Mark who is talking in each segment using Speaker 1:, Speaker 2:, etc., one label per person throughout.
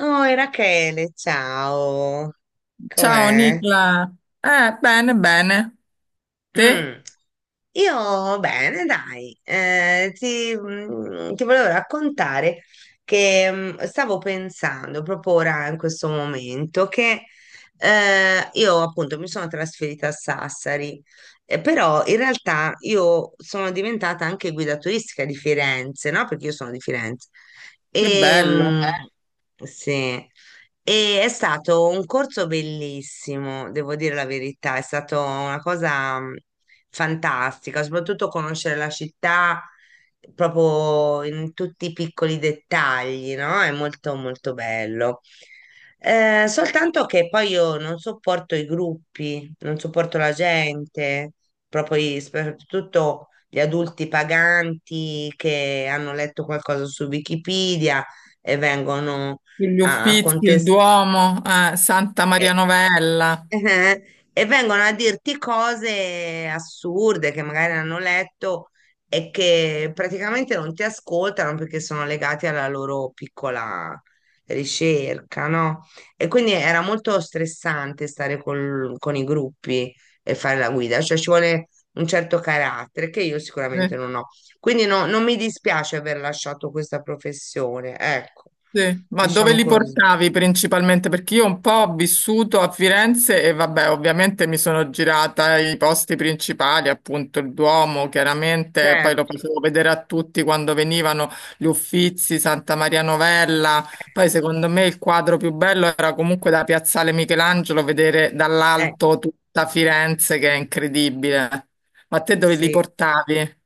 Speaker 1: Oi Rachele, ciao,
Speaker 2: Ciao
Speaker 1: com'è?
Speaker 2: Nicla, bene, bene. Te?
Speaker 1: Mm. Io bene, dai. Ti volevo raccontare che stavo pensando proprio ora in questo momento che io appunto mi sono trasferita a Sassari. Però in realtà io sono diventata anche guida turistica di Firenze, no? Perché io sono di Firenze.
Speaker 2: Che
Speaker 1: E,
Speaker 2: bello.
Speaker 1: sì. E è stato un corso bellissimo, devo dire la verità, è stata una cosa fantastica, soprattutto conoscere la città proprio in tutti i piccoli dettagli, no? È molto molto bello. Soltanto che poi io non sopporto i gruppi, non sopporto la gente, proprio soprattutto gli adulti paganti che hanno letto qualcosa su Wikipedia e vengono
Speaker 2: Gli
Speaker 1: a
Speaker 2: Uffizi, il
Speaker 1: contestare,
Speaker 2: Duomo, Santa
Speaker 1: eh,
Speaker 2: Maria Novella.
Speaker 1: eh, e vengono a dirti cose assurde che magari hanno letto e che praticamente non ti ascoltano perché sono legati alla loro piccola ricerca, no? E quindi era molto stressante stare con i gruppi e fare la guida, cioè ci vuole un certo carattere che io
Speaker 2: Eh.
Speaker 1: sicuramente non ho. Quindi no, non mi dispiace aver lasciato questa professione, ecco,
Speaker 2: Sì, ma dove
Speaker 1: diciamo
Speaker 2: li
Speaker 1: così.
Speaker 2: portavi principalmente? Perché io un po' ho vissuto a Firenze e vabbè, ovviamente mi sono girata i posti principali, appunto il Duomo, chiaramente, poi lo
Speaker 1: Certo.
Speaker 2: facevo vedere a tutti quando venivano gli Uffizi, Santa Maria Novella, poi secondo me il quadro più bello era comunque da Piazzale Michelangelo vedere
Speaker 1: Eh,
Speaker 2: dall'alto tutta Firenze che è incredibile. Ma te dove li
Speaker 1: sì.
Speaker 2: portavi?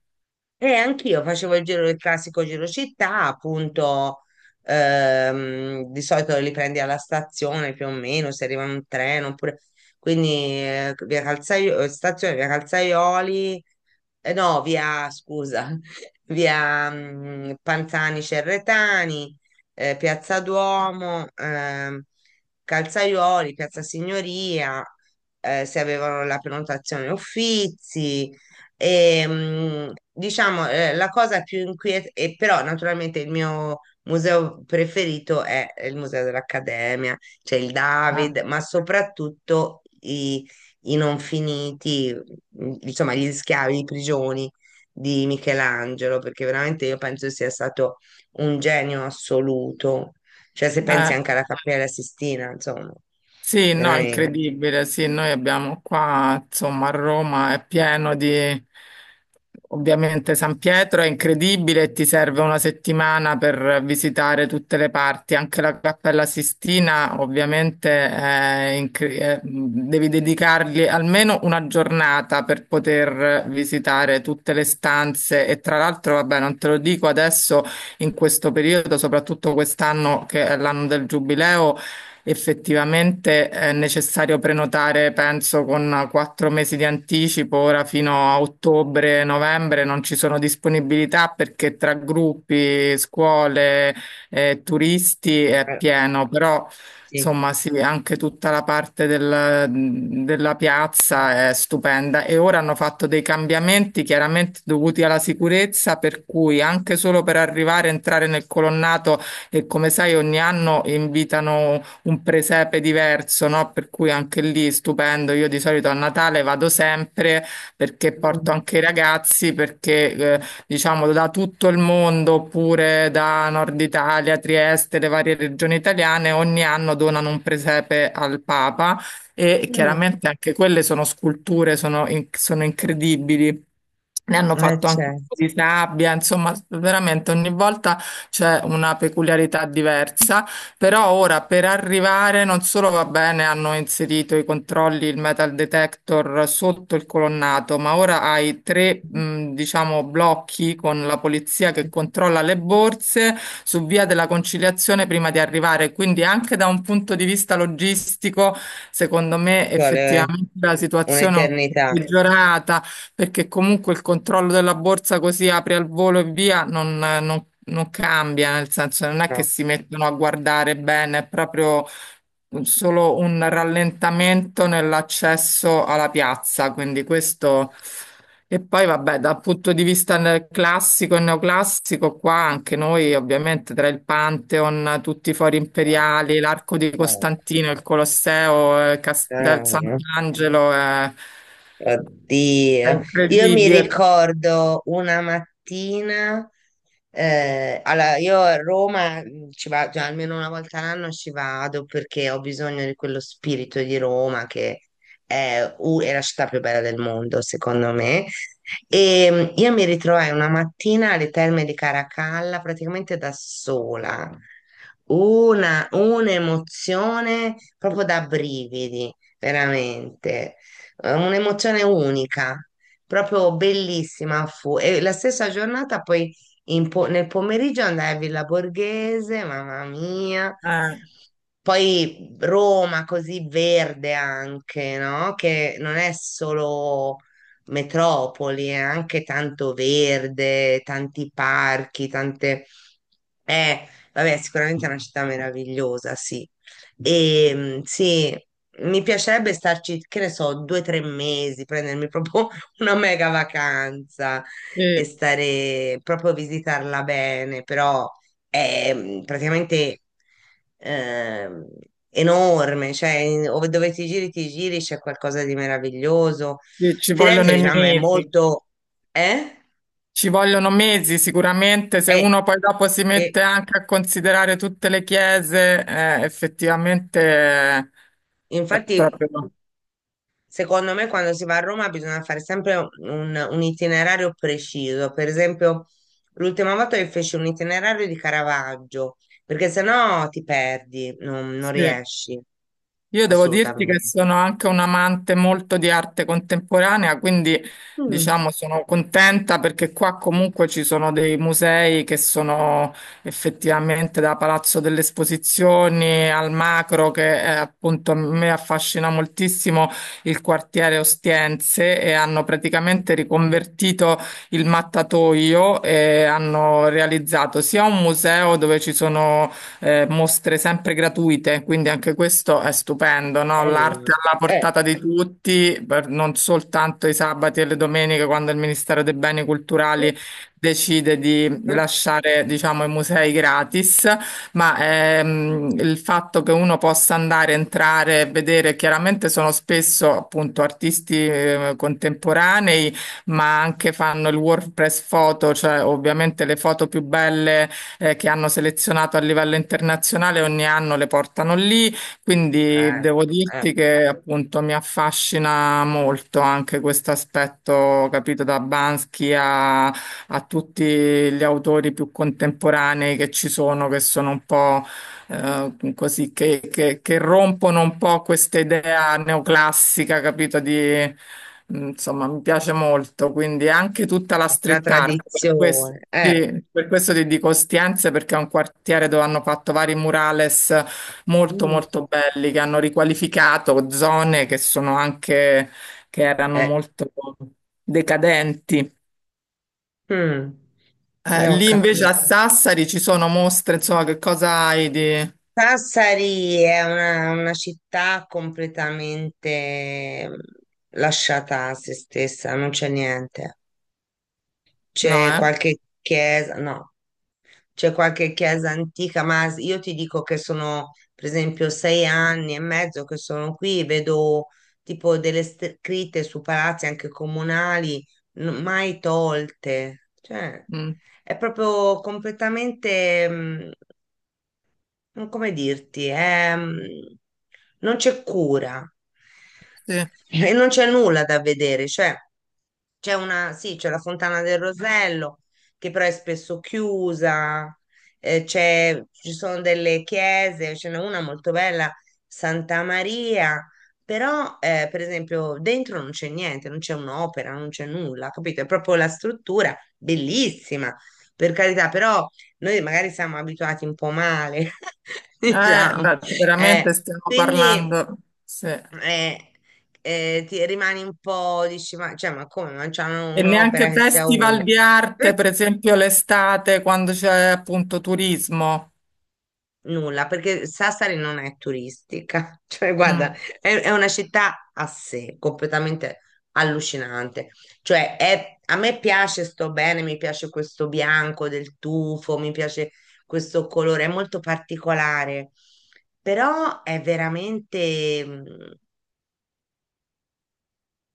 Speaker 1: E anch'io facevo il giro, il classico giro città, appunto. Di solito li prendi alla stazione più o meno, se arriva un treno, oppure... Quindi, stazione, via Calzaioli, no, via, scusa, via Panzani Cerretani, Piazza Duomo, Calzaioli, Piazza Signoria, se avevano la prenotazione Uffizi. E, diciamo, la cosa più inquietante, e però naturalmente il mio museo preferito è il Museo dell'Accademia. C'è il David, ma soprattutto i non finiti, insomma, gli schiavi, di prigioni di Michelangelo, perché veramente io penso sia stato un genio assoluto. Cioè, se pensi
Speaker 2: Eh.
Speaker 1: anche alla Cappella Sistina, insomma,
Speaker 2: Sì, no,
Speaker 1: veramente.
Speaker 2: incredibile. Sì, noi abbiamo qua, insomma, a Roma è pieno di... Ovviamente San Pietro è incredibile e ti serve una settimana per visitare tutte le parti, anche la Cappella Sistina, ovviamente è è- devi dedicargli almeno una giornata per poter visitare tutte le stanze e tra l'altro, vabbè, non te lo dico adesso in questo periodo, soprattutto quest'anno che è l'anno del Giubileo. Effettivamente è necessario prenotare, penso, con quattro mesi di anticipo. Ora fino a ottobre, novembre non ci sono disponibilità perché tra gruppi, scuole, turisti è
Speaker 1: Eh,
Speaker 2: pieno, però
Speaker 1: sì.
Speaker 2: insomma sì, anche tutta la parte della piazza è stupenda. E ora hanno fatto dei cambiamenti chiaramente dovuti alla sicurezza, per cui anche solo per arrivare, entrare nel colonnato e come sai ogni anno invitano un presepe diverso, no? Per cui anche lì stupendo. Io di solito a Natale vado sempre perché porto
Speaker 1: Mm.
Speaker 2: anche i ragazzi, perché diciamo da tutto il mondo, oppure da Nord Italia, Trieste, le varie regioni italiane, ogni anno donano un presepe al Papa e
Speaker 1: Mm.
Speaker 2: chiaramente anche quelle sono sculture, sono, sono incredibili. Ne hanno fatto anche un po'
Speaker 1: Certo.
Speaker 2: di sabbia, insomma, veramente ogni volta c'è una peculiarità diversa. Però ora per arrivare non solo va bene, hanno inserito i controlli, il metal detector sotto il colonnato, ma ora hai tre,
Speaker 1: Ci
Speaker 2: diciamo, blocchi con la polizia che controlla le borse su via della conciliazione prima di arrivare. Quindi anche da un punto di vista logistico, secondo me
Speaker 1: vuole
Speaker 2: effettivamente la situazione è un po'
Speaker 1: un'eternità.
Speaker 2: peggiorata perché comunque il controllo della borsa così apri al volo e via non, non cambia, nel senso non è che
Speaker 1: No,
Speaker 2: si mettono a guardare bene, è proprio solo un rallentamento nell'accesso alla piazza, quindi questo... E poi vabbè, dal punto di vista classico e neoclassico, qua anche noi ovviamente tra il Pantheon, tutti i fori
Speaker 1: no.
Speaker 2: imperiali, l'Arco di Costantino, il Colosseo, Cas- del
Speaker 1: No.
Speaker 2: Sant'Angelo, è
Speaker 1: Oddio, io mi
Speaker 2: incredibile,
Speaker 1: ricordo una mattina. Allora io a Roma ci vado, cioè, almeno una volta all'anno ci vado perché ho bisogno di quello spirito di Roma che è, è la città più bella del mondo, secondo me. E io mi ritrovai una mattina alle Terme di Caracalla praticamente da sola, un'emozione proprio da brividi, veramente, un'emozione unica, proprio bellissima fu. E la stessa giornata poi nel pomeriggio andai a Villa Borghese, mamma mia.
Speaker 2: eh,
Speaker 1: Poi Roma così verde anche, no? Che non è solo metropoli, è anche tanto verde, tanti parchi, tante, eh, vabbè, sicuramente è una città meravigliosa, sì. E sì, mi piacerebbe starci, che ne so, 2 o 3 mesi, prendermi proprio una mega vacanza e
Speaker 2: sì,
Speaker 1: stare proprio a visitarla bene, però è praticamente ehm, enorme, cioè, dove ti giri, c'è qualcosa di meraviglioso.
Speaker 2: sì, ci
Speaker 1: Firenze,
Speaker 2: vogliono i
Speaker 1: diciamo, è
Speaker 2: mesi,
Speaker 1: molto... Eh?
Speaker 2: ci vogliono mesi sicuramente, se
Speaker 1: Eh,
Speaker 2: uno poi dopo si
Speaker 1: e
Speaker 2: mette anche a considerare tutte le chiese, effettivamente è
Speaker 1: infatti
Speaker 2: proprio...
Speaker 1: secondo me, quando si va a Roma bisogna fare sempre un itinerario preciso. Per esempio, l'ultima volta che feci un itinerario di Caravaggio, perché sennò ti perdi, non
Speaker 2: Sì,
Speaker 1: riesci
Speaker 2: io devo dirti che
Speaker 1: assolutamente.
Speaker 2: sono anche un amante molto di arte contemporanea, quindi
Speaker 1: Mm.
Speaker 2: diciamo sono contenta perché qua comunque ci sono dei musei che sono effettivamente da Palazzo delle Esposizioni al Macro, che è, appunto a me affascina moltissimo il quartiere Ostiense e hanno praticamente riconvertito il mattatoio e hanno realizzato sia un museo dove ci sono mostre sempre gratuite, quindi anche questo è stupendo, no? L'arte
Speaker 1: Bello.
Speaker 2: alla
Speaker 1: Eh.
Speaker 2: portata di tutti, per- non soltanto i sabati e le domeniche, quando il Ministero dei Beni Culturali
Speaker 1: Sì.
Speaker 2: decide di
Speaker 1: Eh,
Speaker 2: lasciare, diciamo, i musei gratis, ma il fatto che uno possa andare, entrare e vedere, chiaramente sono spesso appunto artisti contemporanei, ma anche fanno il WordPress foto, cioè ovviamente le foto più belle che hanno selezionato a livello internazionale, ogni anno le portano lì, quindi devo
Speaker 1: eh.
Speaker 2: dirti che appunto mi affascina molto anche questo aspetto, capito, da Bansky a tutti gli autori più contemporanei che ci sono, che sono un po' così che rompono un po' questa idea neoclassica, capito? Di, insomma, mi piace molto, quindi anche tutta la
Speaker 1: La
Speaker 2: street art, per questo,
Speaker 1: tradizione.
Speaker 2: sì, per questo ti dico Ostiense, perché è un quartiere dove hanno fatto vari murales molto
Speaker 1: Mm.
Speaker 2: molto belli, che hanno riqualificato zone che sono anche, che erano
Speaker 1: Eh.
Speaker 2: molto decadenti.
Speaker 1: Mm. Ho
Speaker 2: Lì invece a
Speaker 1: capito.
Speaker 2: Sassari ci sono mostre, insomma, che cosa hai di...
Speaker 1: Sassari è una città completamente, lasciata a se stessa, non c'è niente.
Speaker 2: No,
Speaker 1: C'è
Speaker 2: eh?
Speaker 1: qualche chiesa, no, c'è qualche chiesa antica, ma io ti dico che sono, per esempio, 6 anni e mezzo che sono qui, vedo tipo delle scritte su palazzi anche comunali, mai tolte. Cioè,
Speaker 2: Mm,
Speaker 1: è proprio completamente... non come dirti, è, non c'è cura
Speaker 2: sì.
Speaker 1: e non c'è nulla da vedere, cioè c'è una, sì, c'è la Fontana del Rosello, che però è spesso chiusa. Ci sono delle chiese, ce n'è una molto bella, Santa Maria, però per esempio dentro non c'è niente, non c'è un'opera, non c'è nulla, capito? È proprio la struttura, bellissima, per carità, però noi magari siamo abituati un po' male, diciamo. eh,
Speaker 2: Veramente stiamo
Speaker 1: quindi
Speaker 2: parlando, sì. E
Speaker 1: eh, ti rimani un po', dici, ma, cioè, ma come, ma c'hanno un'opera
Speaker 2: neanche
Speaker 1: che sia una?
Speaker 2: festival di arte, per esempio l'estate, quando c'è appunto turismo.
Speaker 1: Nulla, perché Sassari non è turistica, cioè guarda,
Speaker 2: Mm,
Speaker 1: è una città a sé, completamente allucinante. Cioè, a me piace, sto bene, mi piace questo bianco del tufo, mi piace questo colore, è molto particolare, però è veramente...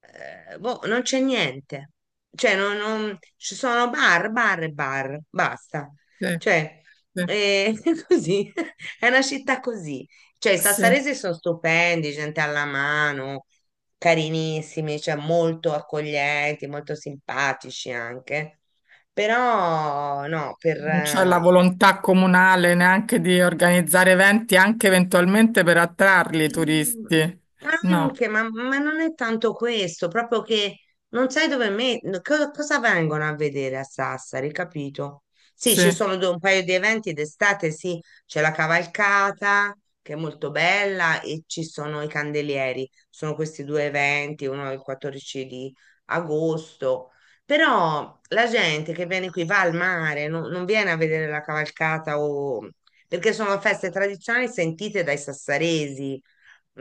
Speaker 1: boh, non c'è niente. Cioè, ci sono bar, bar e bar, basta.
Speaker 2: sì,
Speaker 1: Cioè,
Speaker 2: sì,
Speaker 1: è così, è una città così. Cioè, i
Speaker 2: sì.
Speaker 1: sassaresi sono stupendi, gente alla mano, carinissimi, cioè molto accoglienti, molto simpatici anche. Però, no, per...
Speaker 2: Non c'è la volontà comunale neanche di organizzare eventi, anche eventualmente per attrarli i
Speaker 1: Mm,
Speaker 2: turisti. No,
Speaker 1: anche, ma, non è tanto questo, proprio che non sai dove me, cosa vengono a vedere a Sassari, capito? Sì,
Speaker 2: sì,
Speaker 1: ci sono un paio di eventi d'estate, sì, c'è la cavalcata che è molto bella e ci sono i candelieri, sono questi due eventi, uno il 14 di agosto, però la gente che viene qui va al mare, non viene a vedere la cavalcata, o perché sono feste tradizionali sentite dai sassaresi,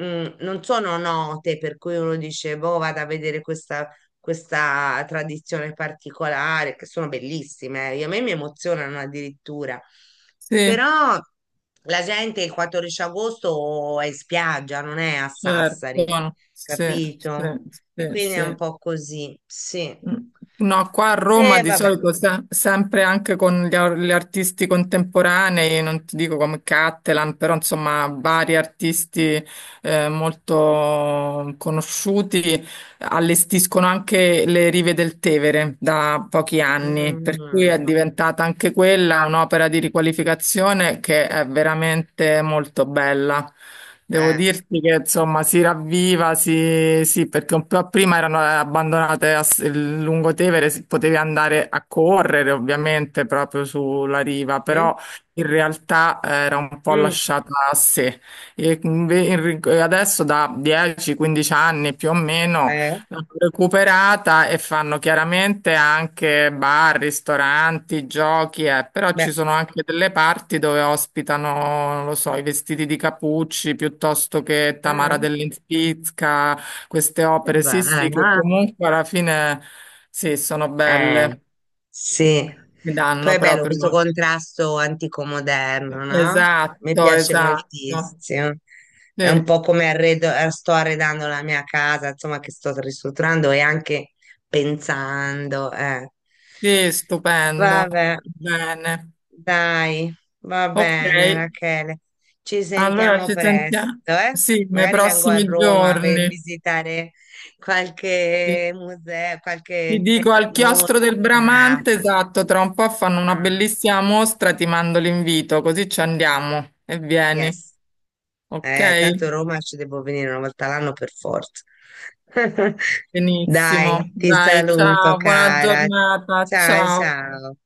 Speaker 1: non sono note, per cui uno dice, boh, vado a vedere questa, questa tradizione particolare, che sono bellissime. A me mi emozionano addirittura.
Speaker 2: sì,
Speaker 1: Però la gente il 14 agosto è in spiaggia, non è a
Speaker 2: certo,
Speaker 1: Sassari,
Speaker 2: sì,
Speaker 1: capito?
Speaker 2: sì,
Speaker 1: E
Speaker 2: sì,
Speaker 1: quindi è un
Speaker 2: sì.
Speaker 1: po' così, sì.
Speaker 2: Mm. No, qua a Roma
Speaker 1: E
Speaker 2: di
Speaker 1: vabbè.
Speaker 2: solito sempre anche con gli artisti contemporanei, non ti dico come Cattelan, però insomma vari artisti molto conosciuti allestiscono anche le rive del Tevere da pochi anni, per cui è
Speaker 1: Mm.
Speaker 2: diventata anche quella un'opera di riqualificazione che è veramente molto bella. Devo
Speaker 1: eh,
Speaker 2: dirti che insomma si ravviva, si- sì, perché un po' prima erano abbandonate a s- il lungotevere, si- potevi andare a correre ovviamente proprio sulla riva,
Speaker 1: mm,
Speaker 2: però in realtà era un po'
Speaker 1: mm.
Speaker 2: lasciata a sé. E adesso da 10-15 anni più o meno
Speaker 1: eh,
Speaker 2: recuperata e fanno chiaramente anche bar, ristoranti, giochi, però
Speaker 1: beh.
Speaker 2: ci sono anche delle parti dove ospitano, non lo so, i vestiti di Capucci piuttosto che
Speaker 1: eh,
Speaker 2: Tamara dell'Inspizca, queste
Speaker 1: che
Speaker 2: opere, sì,
Speaker 1: bello, eh.
Speaker 2: sì, che comunque alla fine sì, sono
Speaker 1: Eh.
Speaker 2: belle,
Speaker 1: Sì,
Speaker 2: mi
Speaker 1: poi
Speaker 2: danno
Speaker 1: è bello questo
Speaker 2: proprio.
Speaker 1: contrasto antico-moderno, no? Mi
Speaker 2: Esatto,
Speaker 1: piace
Speaker 2: esatto.
Speaker 1: moltissimo. È un
Speaker 2: Sì,
Speaker 1: po' come arredo, sto arredando la mia casa, insomma, che sto ristrutturando e anche pensando. Eh.
Speaker 2: sì, stupendo.
Speaker 1: Vabbè,
Speaker 2: Bene.
Speaker 1: dai, va
Speaker 2: Ok.
Speaker 1: bene, Rachele. Ci
Speaker 2: Allora
Speaker 1: sentiamo
Speaker 2: ci sentiamo,
Speaker 1: presto, eh?
Speaker 2: sì, nei
Speaker 1: Magari vengo a
Speaker 2: prossimi
Speaker 1: Roma a
Speaker 2: giorni.
Speaker 1: visitare
Speaker 2: Sì.
Speaker 1: qualche museo,
Speaker 2: Ti
Speaker 1: qualche
Speaker 2: dico al chiostro del
Speaker 1: mostra.
Speaker 2: Bramante, esatto, tra un po' fanno una
Speaker 1: Ah,
Speaker 2: bellissima mostra, ti mando l'invito, così ci andiamo e vieni,
Speaker 1: Yes. Tanto
Speaker 2: ok?
Speaker 1: Roma ci devo venire una volta all'anno per forza.
Speaker 2: Benissimo,
Speaker 1: Dai, ti
Speaker 2: dai,
Speaker 1: saluto,
Speaker 2: ciao, buona
Speaker 1: cara.
Speaker 2: giornata,
Speaker 1: Ciao,
Speaker 2: ciao.
Speaker 1: ciao.